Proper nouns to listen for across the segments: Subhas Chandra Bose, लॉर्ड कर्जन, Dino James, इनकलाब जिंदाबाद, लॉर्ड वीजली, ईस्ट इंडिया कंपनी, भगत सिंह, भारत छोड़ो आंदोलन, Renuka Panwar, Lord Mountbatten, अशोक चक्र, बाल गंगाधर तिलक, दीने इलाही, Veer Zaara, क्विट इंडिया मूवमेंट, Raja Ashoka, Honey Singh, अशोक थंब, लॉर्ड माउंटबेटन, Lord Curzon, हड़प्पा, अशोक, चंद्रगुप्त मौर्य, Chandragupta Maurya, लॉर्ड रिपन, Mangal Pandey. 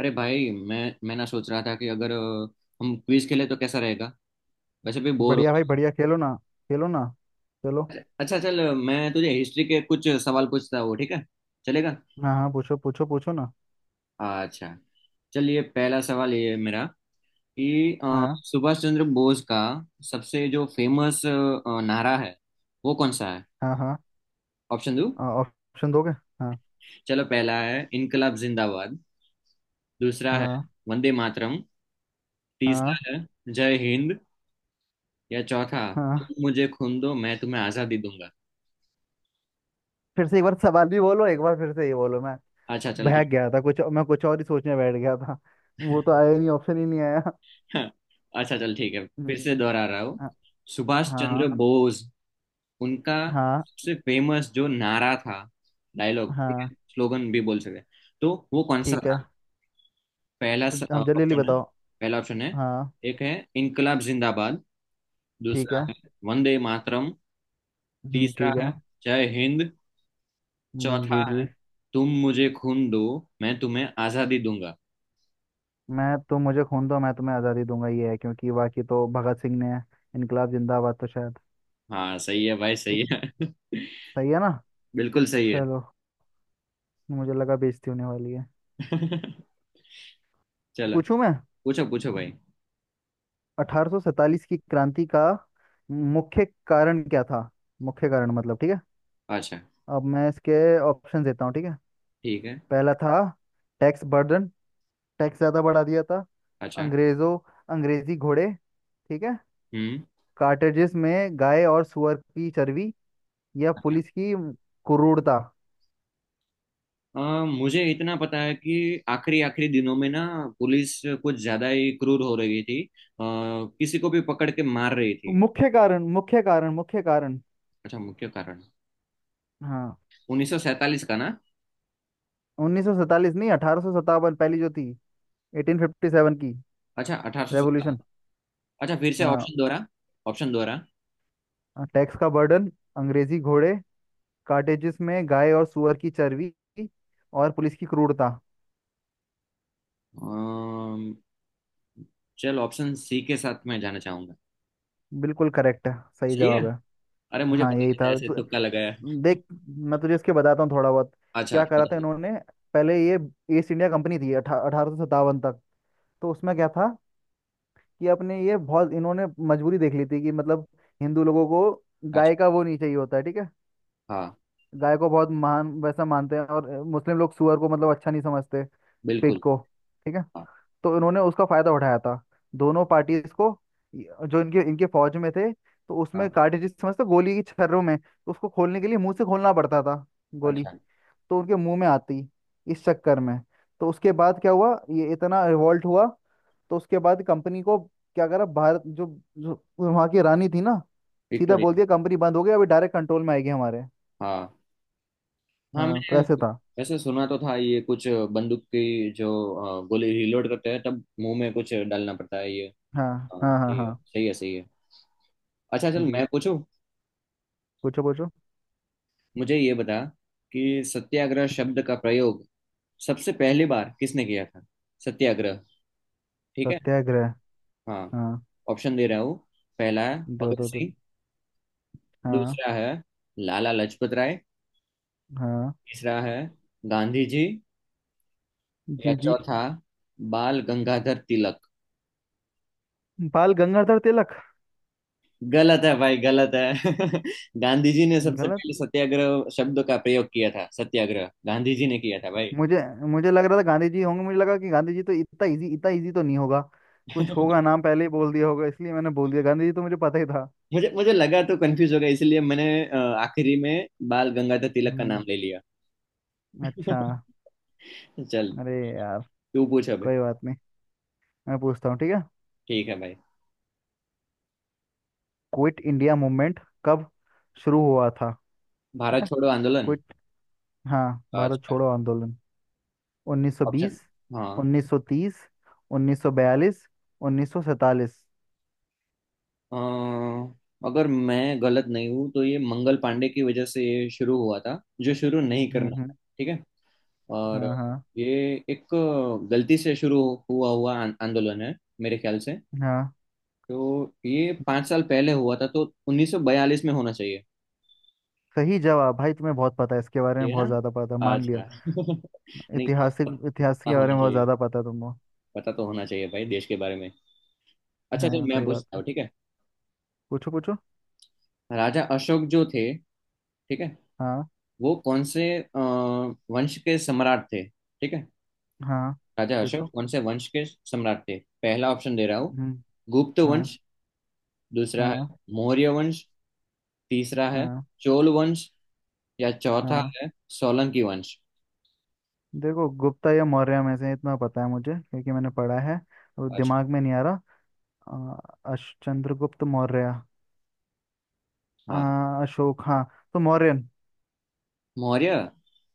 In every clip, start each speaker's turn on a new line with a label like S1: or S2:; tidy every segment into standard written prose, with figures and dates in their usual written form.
S1: अरे भाई मैं ना सोच रहा था कि अगर हम क्विज खेले तो कैसा रहेगा। वैसे भी बोर हो।
S2: बढ़िया भाई बढ़िया। खेलो ना। खेलो ना। चलो।
S1: अच्छा चल, मैं तुझे हिस्ट्री के कुछ सवाल पूछता हूँ, ठीक है? चलेगा?
S2: हाँ हाँ, पूछो पूछो पूछो ना।
S1: अच्छा, चलिए पहला सवाल ये है मेरा कि
S2: हाँ
S1: सुभाष चंद्र बोस का सबसे जो फेमस नारा है वो कौन सा है?
S2: हाँ। हाँ
S1: ऑप्शन दो।
S2: ऑप्शन दोगे? हाँ।
S1: चलो, पहला है इनकलाब जिंदाबाद, दूसरा है
S2: हाँ
S1: वंदे मातरम,
S2: हाँ
S1: तीसरा है जय हिंद, या चौथा,
S2: हाँ।
S1: तुम मुझे खून दो मैं तुम्हें आजादी दूंगा।
S2: फिर से एक बार सवाल भी बोलो, एक बार फिर से ये बोलो। मैं
S1: अच्छा चल
S2: बहक
S1: ठीक।
S2: गया था कुछ, मैं कुछ और ही सोचने बैठ गया था। वो तो आया ही नहीं, ऑप्शन ही नहीं आया।
S1: हाँ। अच्छा चल ठीक है, फिर
S2: हम्म,
S1: से दोहरा रहा हूँ।
S2: हाँ
S1: सुभाष चंद्र
S2: हाँ।
S1: बोस उनका
S2: हाँ
S1: सबसे फेमस जो नारा था, डायलॉग ठीक
S2: हाँ
S1: है, स्लोगन भी बोल सकते हैं। तो वो कौन सा
S2: ठीक
S1: था?
S2: है।
S1: पहला
S2: हम जल्दी जल्दी
S1: ऑप्शन है
S2: बताओ।
S1: पहला ऑप्शन है
S2: हाँ
S1: एक है इनकलाब जिंदाबाद,
S2: ठीक
S1: दूसरा
S2: है।
S1: है वंदे मातरम, तीसरा
S2: ठीक है।
S1: है जय हिंद, चौथा
S2: जी जी।
S1: है तुम मुझे खून दो, मैं तुम्हें आजादी दूंगा।
S2: मैं तुम मुझे खून दो मैं तुम्हें आज़ादी दूंगा, ये है। क्योंकि बाकी तो भगत सिंह ने इनकलाब जिंदाबाद, तो शायद
S1: हाँ सही है भाई, सही
S2: ठीक।
S1: है।
S2: सही है ना?
S1: बिल्कुल सही है।
S2: चलो। मुझे लगा बेइज्जती होने वाली है।
S1: चलो।
S2: पूछूं मैं?
S1: पूछो पूछो भाई।
S2: 1847 की क्रांति का मुख्य कारण क्या था? मुख्य कारण मतलब, ठीक है।
S1: अच्छा,
S2: अब मैं इसके ऑप्शन देता हूँ, ठीक है।
S1: ठीक है।
S2: पहला था टैक्स बर्डन, टैक्स ज्यादा बढ़ा दिया था
S1: अच्छा।
S2: अंग्रेजों। अंग्रेजी घोड़े, ठीक है।
S1: हम्म।
S2: कार्टेजेस में गाय और सुअर की चर्बी, या
S1: अच्छा।
S2: पुलिस की क्रूरता।
S1: अ, मुझे इतना पता है कि आखिरी आखिरी दिनों में ना पुलिस कुछ ज्यादा ही क्रूर हो रही थी, किसी को भी पकड़ के मार रही थी।
S2: मुख्य कारण, मुख्य कारण, मुख्य कारण।
S1: अच्छा, मुख्य कारण।
S2: हाँ,
S1: 1947 का ना?
S2: 1947 नहीं, 1857, पहली जो थी। 1857 की
S1: अच्छा,
S2: रेवोल्यूशन।
S1: 1857। अच्छा, फिर से
S2: हाँ,
S1: ऑप्शन दोहरा।
S2: टैक्स का बर्डन, अंग्रेजी घोड़े, कार्टेजेस में गाय और सुअर की चर्बी, और पुलिस की क्रूरता।
S1: अम्म, चल ऑप्शन सी के साथ मैं जाना चाहूंगा।
S2: बिल्कुल करेक्ट है, सही
S1: सही है।
S2: जवाब है।
S1: अरे मुझे
S2: हाँ
S1: पता
S2: यही
S1: नहीं था,
S2: था
S1: ऐसे
S2: तो।
S1: तुक्का लगाया।
S2: देख, मैं तुझे इसके बताता हूँ थोड़ा बहुत,
S1: अच्छा,
S2: क्या
S1: पता
S2: करा था
S1: नहीं।
S2: इन्होंने। पहले ये ईस्ट इंडिया कंपनी थी अठारह सौ सत्तावन तक। तो उसमें क्या था कि अपने ये बहुत इन्होंने मजबूरी देख ली थी कि मतलब हिंदू लोगों को
S1: अच्छा।
S2: गाय का वो नहीं चाहिए होता है, ठीक है।
S1: हाँ।
S2: गाय को बहुत महान वैसा मानते हैं, और मुस्लिम लोग सुअर को मतलब अच्छा नहीं समझते, पिग
S1: बिल्कुल।
S2: को, ठीक है।
S1: हाँ
S2: तो इन्होंने उसका फायदा उठाया था, दोनों पार्टीज को। जो इनके इनके फौज में थे, तो उसमें
S1: हाँ।
S2: कार्टिज समझते हो, गोली की छर्रों में, तो उसको खोलने के लिए मुंह से खोलना पड़ता था। गोली
S1: अच्छा।
S2: तो उनके मुंह में आती, इस चक्कर में। तो उसके बाद क्या हुआ, ये इतना रिवोल्ट हुआ। तो उसके बाद कंपनी को क्या करा, भारत जो, जो वहाँ की रानी थी ना, सीधा बोल
S1: विक्टोरिया।
S2: दिया कंपनी बंद हो गई, अभी डायरेक्ट कंट्रोल में आएगी हमारे।
S1: हाँ हाँ
S2: हाँ तो
S1: मैंने।
S2: ऐसे था।
S1: वैसे सुना तो था ये कुछ, बंदूक की जो गोली रिलोड करते हैं तब मुंह में कुछ डालना पड़ता है ये।
S2: हाँ
S1: हाँ
S2: हाँ हाँ।
S1: ठीक
S2: हाँ
S1: है, सही है सही है। अच्छा चल
S2: जी,
S1: मैं पूछूं।
S2: पूछो पूछो।
S1: मुझे ये बता कि सत्याग्रह शब्द का प्रयोग सबसे पहली बार किसने किया था? सत्याग्रह, ठीक है।
S2: सत्याग्रह।
S1: हाँ,
S2: हाँ,
S1: ऑप्शन दे रहा हूँ। पहला है
S2: दो
S1: भगत
S2: दो दो।
S1: सिंह,
S2: हाँ
S1: दूसरा है लाला लाजपत राय,
S2: हाँ।
S1: तीसरा है गांधी जी, या
S2: जी जी।
S1: चौथा बाल गंगाधर तिलक।
S2: बाल गंगाधर तिलक।
S1: गलत है भाई, गलत है। गांधी जी ने सबसे
S2: गलत।
S1: पहले सत्याग्रह शब्द का प्रयोग किया था, सत्याग्रह गांधी जी ने किया था भाई।
S2: मुझे मुझे लग रहा था गांधी जी होंगे। मुझे लगा कि गांधी जी तो, इतना इजी तो नहीं होगा, कुछ होगा, नाम पहले ही बोल दिया होगा, इसलिए मैंने बोल दिया। गांधी जी तो मुझे पता ही था।
S1: मुझे मुझे लगा तो कंफ्यूज होगा, इसलिए मैंने आखिरी में बाल गंगाधर तिलक का नाम
S2: हम्म।
S1: ले लिया।
S2: अच्छा,
S1: चल
S2: अरे यार,
S1: तू पूछ अभी।
S2: कोई बात नहीं। मैं पूछता हूँ, ठीक है।
S1: ठीक है भाई।
S2: क्विट इंडिया मूवमेंट कब शुरू हुआ था? ठीक
S1: भारत
S2: है,
S1: छोड़ो आंदोलन।
S2: क्विट, हाँ, भारत
S1: अच्छा।
S2: छोड़ो आंदोलन। उन्नीस सौ
S1: ऑप्शन।
S2: बीस
S1: हाँ,
S2: 1930, 1942, 1947।
S1: अ, अगर मैं गलत नहीं हूँ तो ये मंगल पांडे की वजह से ये शुरू हुआ था, जो शुरू नहीं
S2: हम्म
S1: करना
S2: हम्म,
S1: था, ठीक है। और
S2: हाँ हाँ।
S1: ये एक गलती से शुरू हुआ हुआ आंदोलन है मेरे ख्याल से।
S2: हाँ
S1: तो ये 5 साल पहले हुआ था, तो 1942 में होना चाहिए।
S2: सही जवाब भाई, तुम्हें बहुत पता है इसके बारे
S1: ठीक
S2: में,
S1: है
S2: बहुत ज्यादा पता है,
S1: ना?
S2: मान लिया।
S1: अच्छा। नहीं,
S2: ऐतिहासिक इतिहास
S1: पता
S2: के बारे
S1: होना
S2: में बहुत
S1: चाहिए,
S2: ज्यादा पता है तुमको।
S1: पता तो होना चाहिए भाई देश के बारे में। अच्छा
S2: हाँ
S1: चल मैं
S2: सही बात
S1: पूछता
S2: है।
S1: हूँ, ठीक है।
S2: पूछो पूछो।
S1: राजा अशोक जो थे, ठीक है,
S2: हाँ
S1: वो कौन से वंश के सम्राट थे, ठीक है?
S2: हाँ
S1: राजा अशोक
S2: पूछो।
S1: कौन से वंश के सम्राट थे? पहला ऑप्शन दे रहा हूँ,
S2: हम्म।
S1: गुप्त
S2: हाँ
S1: वंश, दूसरा
S2: हाँ
S1: है मौर्य वंश, तीसरा है
S2: हाँ
S1: चोल वंश, या चौथा
S2: हाँ।
S1: है सोलंकी वंश।
S2: देखो, गुप्ता या मौर्य में से इतना पता है मुझे, क्योंकि मैंने पढ़ा है, वो
S1: अच्छा।
S2: दिमाग में नहीं आ रहा। अश चंद्रगुप्त मौर्य, अ,
S1: हाँ
S2: अशोक, हाँ तो मौर्यन।
S1: मौर्य।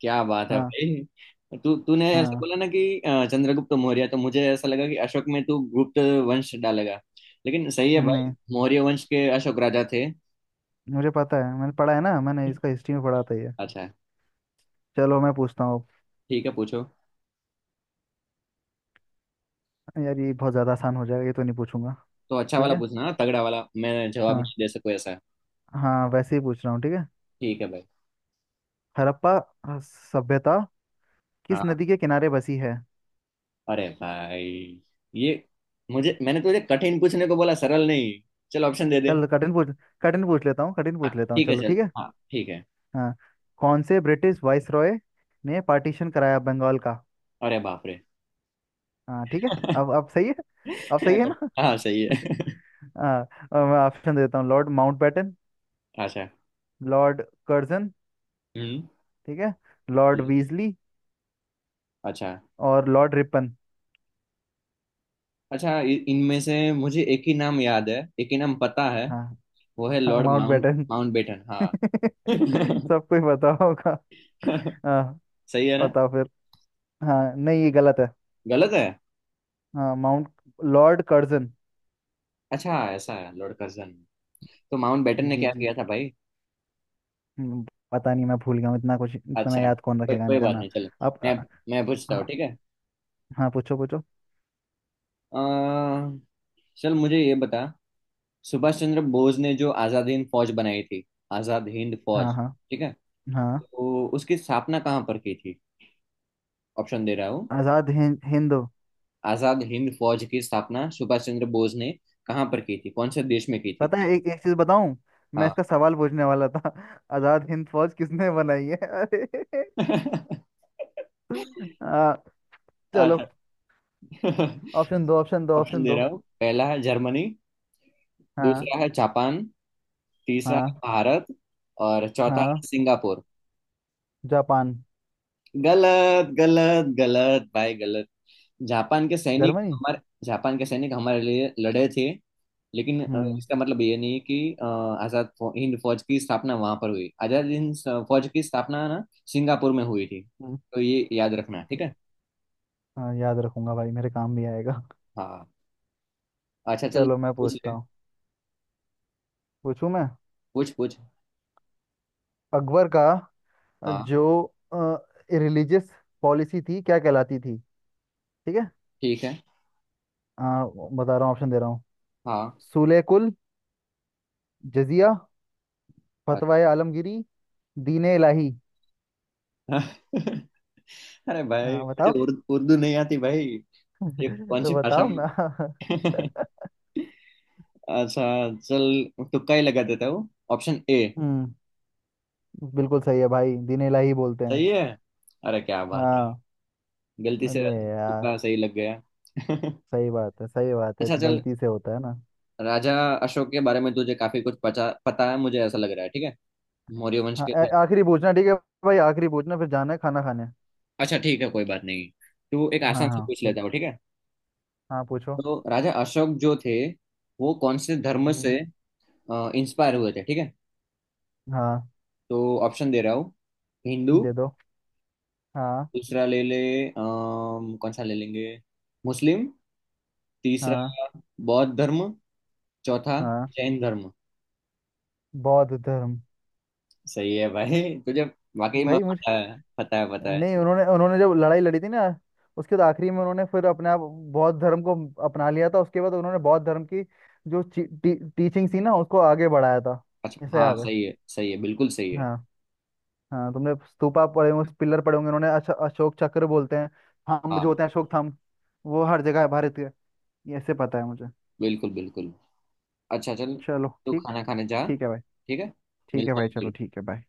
S1: क्या बात है
S2: हाँ
S1: भाई, तू तूने ऐसा
S2: हाँ,
S1: बोला ना कि चंद्रगुप्त मौर्य, तो मुझे ऐसा लगा कि अशोक में तू गुप्त वंश डालेगा। लेकिन सही है भाई,
S2: नहीं
S1: मौर्य वंश के अशोक राजा थे।
S2: मुझे पता है, मैंने पढ़ा है ना, मैंने इसका हिस्ट्री में पढ़ा था ये।
S1: अच्छा
S2: चलो मैं पूछता हूँ।
S1: ठीक है पूछो।
S2: अब। यार ये बहुत ज़्यादा आसान हो जाएगा, ये तो नहीं पूछूंगा।
S1: तो अच्छा
S2: ठीक
S1: वाला
S2: है।
S1: पूछना ना, तगड़ा वाला, मैं जवाब
S2: हाँ।
S1: नहीं दे सकूँ ऐसा।
S2: हाँ वैसे ही पूछ रहा हूँ, ठीक है।
S1: ठीक है भाई।
S2: हड़प्पा सभ्यता किस
S1: हाँ।
S2: नदी के किनारे बसी है?
S1: अरे भाई ये, मुझे मैंने तुझे कठिन पूछने को बोला, सरल नहीं। चल ऑप्शन दे दे।
S2: चल कठिन पूछ। कठिन पूछ लेता हूँ, कठिन पूछ
S1: हाँ
S2: लेता हूँ,
S1: ठीक है
S2: चलो
S1: चल,
S2: ठीक है।
S1: हाँ ठीक है।
S2: हाँ। कौन से ब्रिटिश वाइस रॉय ने पार्टीशन कराया बंगाल का?
S1: अरे बाप रे।
S2: हाँ ठीक है। अब अब सही है। अब सही है ना?
S1: हाँ सही है।
S2: हाँ। अब मैं ऑप्शन देता हूँ। लॉर्ड माउंटबेटन,
S1: अच्छा।
S2: लॉर्ड कर्जन,
S1: हम्म।
S2: ठीक है, लॉर्ड वीजली,
S1: अच्छा।
S2: और लॉर्ड रिपन।
S1: अच्छा इ- इनमें से मुझे एक ही नाम याद है, एक ही नाम पता है।
S2: हाँ,
S1: वो है Lord
S2: Mount
S1: mount
S2: baton.
S1: Mount batten हाँ।
S2: सबको ही पता होगा। हाँ
S1: सही है ना?
S2: बताओ फिर। हाँ, नहीं, ये गलत है।
S1: गलत है।
S2: हाँ माउंट, लॉर्ड कर्जन।
S1: अच्छा ऐसा है, लॉर्ड कर्जन। तो माउंट बेटन ने
S2: जी
S1: क्या
S2: जी।
S1: किया था भाई?
S2: हम्म, पता नहीं, मैं भूल गया हूँ, इतना कुछ इतना
S1: अच्छा,
S2: याद कौन
S1: कोई
S2: रखेगा
S1: कोई
S2: इनका
S1: बात
S2: ना।
S1: नहीं, चलो
S2: अब।
S1: मैं मैं पूछता हूँ,
S2: हाँ
S1: ठीक है।
S2: हाँ, पूछो पूछो।
S1: अ, चल मुझे ये बता। सुभाष चंद्र बोस ने जो आजाद हिंद फौज बनाई थी, आजाद हिंद
S2: हाँ
S1: फौज,
S2: हाँ
S1: ठीक है,
S2: हाँ।
S1: तो उसकी स्थापना कहाँ पर की थी? ऑप्शन दे रहा हूँ।
S2: आजाद हिंद हिंद।
S1: आजाद हिंद फौज की स्थापना सुभाष चंद्र बोस ने कहाँ पर की थी, कौन से देश में की थी?
S2: पता है, एक एक चीज बताऊं, मैं
S1: हाँ।
S2: इसका सवाल पूछने वाला था। आजाद हिंद फौज किसने बनाई है? अरे। हाँ चलो।
S1: अच्छा।
S2: ऑप्शन दो, ऑप्शन दो,
S1: ऑप्शन
S2: ऑप्शन
S1: दे
S2: दो।
S1: रहा हूँ। पहला है जर्मनी,
S2: हाँ
S1: दूसरा है जापान, तीसरा है
S2: हाँ
S1: भारत और चौथा है
S2: हाँ।
S1: सिंगापुर।
S2: जापान।
S1: गलत गलत गलत भाई गलत। जापान के सैनिक
S2: जर्मनी।
S1: हमारे जापान के सैनिक हमारे लिए लड़े थे, लेकिन
S2: हम्म
S1: इसका मतलब ये नहीं कि हिंद फौज की स्थापना वहां पर हुई। आजाद हिंद फौज की स्थापना ना सिंगापुर में हुई थी,
S2: हम्म,
S1: तो ये याद रखना, ठीक है।
S2: हाँ याद रखूंगा भाई, मेरे काम भी आएगा।
S1: हाँ। अच्छा चल।
S2: चलो मैं
S1: पूछ
S2: पूछता
S1: ले।
S2: हूँ। पूछूं मैं?
S1: पूछ पूछ।
S2: अकबर का
S1: हाँ
S2: जो रिलीजियस पॉलिसी थी, क्या कहलाती थी, ठीक है।
S1: ठीक है।
S2: बता रहा हूँ, ऑप्शन दे रहा हूँ।
S1: हाँ।
S2: सूले कुल, जजिया,
S1: अच्छा।
S2: फतवाए आलमगीरी, दीने इलाही।
S1: अरे भाई मुझे
S2: बताओ।
S1: उर्दू उर्दू नहीं आती भाई, ये कौन सी
S2: तो
S1: भाषा
S2: बताओ
S1: में?
S2: ना।
S1: अच्छा चल तुक्का ही लगा देता हूँ, ऑप्शन ए।
S2: हम्म। बिल्कुल सही है भाई, दीने इलाही बोलते हैं।
S1: सही है। अरे क्या बात है,
S2: हाँ,
S1: गलती से
S2: अरे यार।
S1: तुक्का सही लग गया।
S2: सही बात है, सही बात है,
S1: अच्छा चल,
S2: गलती से होता है ना।
S1: राजा अशोक के बारे में तुझे काफी कुछ पता पता है मुझे ऐसा लग रहा है, ठीक है, मौर्य वंश
S2: हाँ,
S1: के थे।
S2: आखिरी पूछना, ठीक है भाई, आखिरी पूछना, फिर जाना है खाना खाने।
S1: अच्छा ठीक है कोई बात नहीं। तू एक,
S2: हाँ
S1: आसान से
S2: हाँ
S1: पूछ
S2: पूछ।
S1: लेता हूँ, ठीक है।
S2: हाँ पूछो।
S1: तो राजा अशोक जो थे वो कौन से धर्म से
S2: हम्म।
S1: इंस्पायर हुए थे, ठीक है?
S2: हाँ,
S1: तो ऑप्शन दे रहा हूँ। हिंदू,
S2: दे दो। हाँ
S1: दूसरा ले ले, कौन सा ले लेंगे, मुस्लिम, तीसरा
S2: हाँ
S1: बौद्ध धर्म, चौथा
S2: हाँ।
S1: जैन धर्म।
S2: बौद्ध धर्म।
S1: सही है भाई, तुझे वाकई में
S2: भाई मुझे,
S1: पता है, पता है पता है।
S2: नहीं, उन्होंने उन्होंने जब लड़ाई लड़ी थी ना, उसके बाद आखिरी में उन्होंने फिर अपने आप बौद्ध धर्म को अपना लिया था। उसके बाद उन्होंने बौद्ध धर्म की जो टी, टी, टीचिंग थी ना, उसको आगे बढ़ाया था।
S1: अच्छा
S2: ऐसा
S1: हाँ,
S2: याद है।
S1: सही है बिल्कुल सही है।
S2: हाँ हाँ, तुमने स्तूपा पड़े होंगे, पिलर पड़े होंगे, उन्होंने अशोक चक्र बोलते हैं, थंब जो
S1: हाँ।
S2: होते हैं, अशोक थंब, वो हर जगह है भारत के। ये ऐसे पता है मुझे।
S1: बिल्कुल बिल्कुल। अच्छा चल,
S2: चलो
S1: तू
S2: ठीक।
S1: खाना खाने जा।
S2: ठीक है भाई।
S1: ठीक है,
S2: ठीक है
S1: मिलते
S2: भाई,
S1: हैं
S2: चलो
S1: फिर।
S2: ठीक है भाई।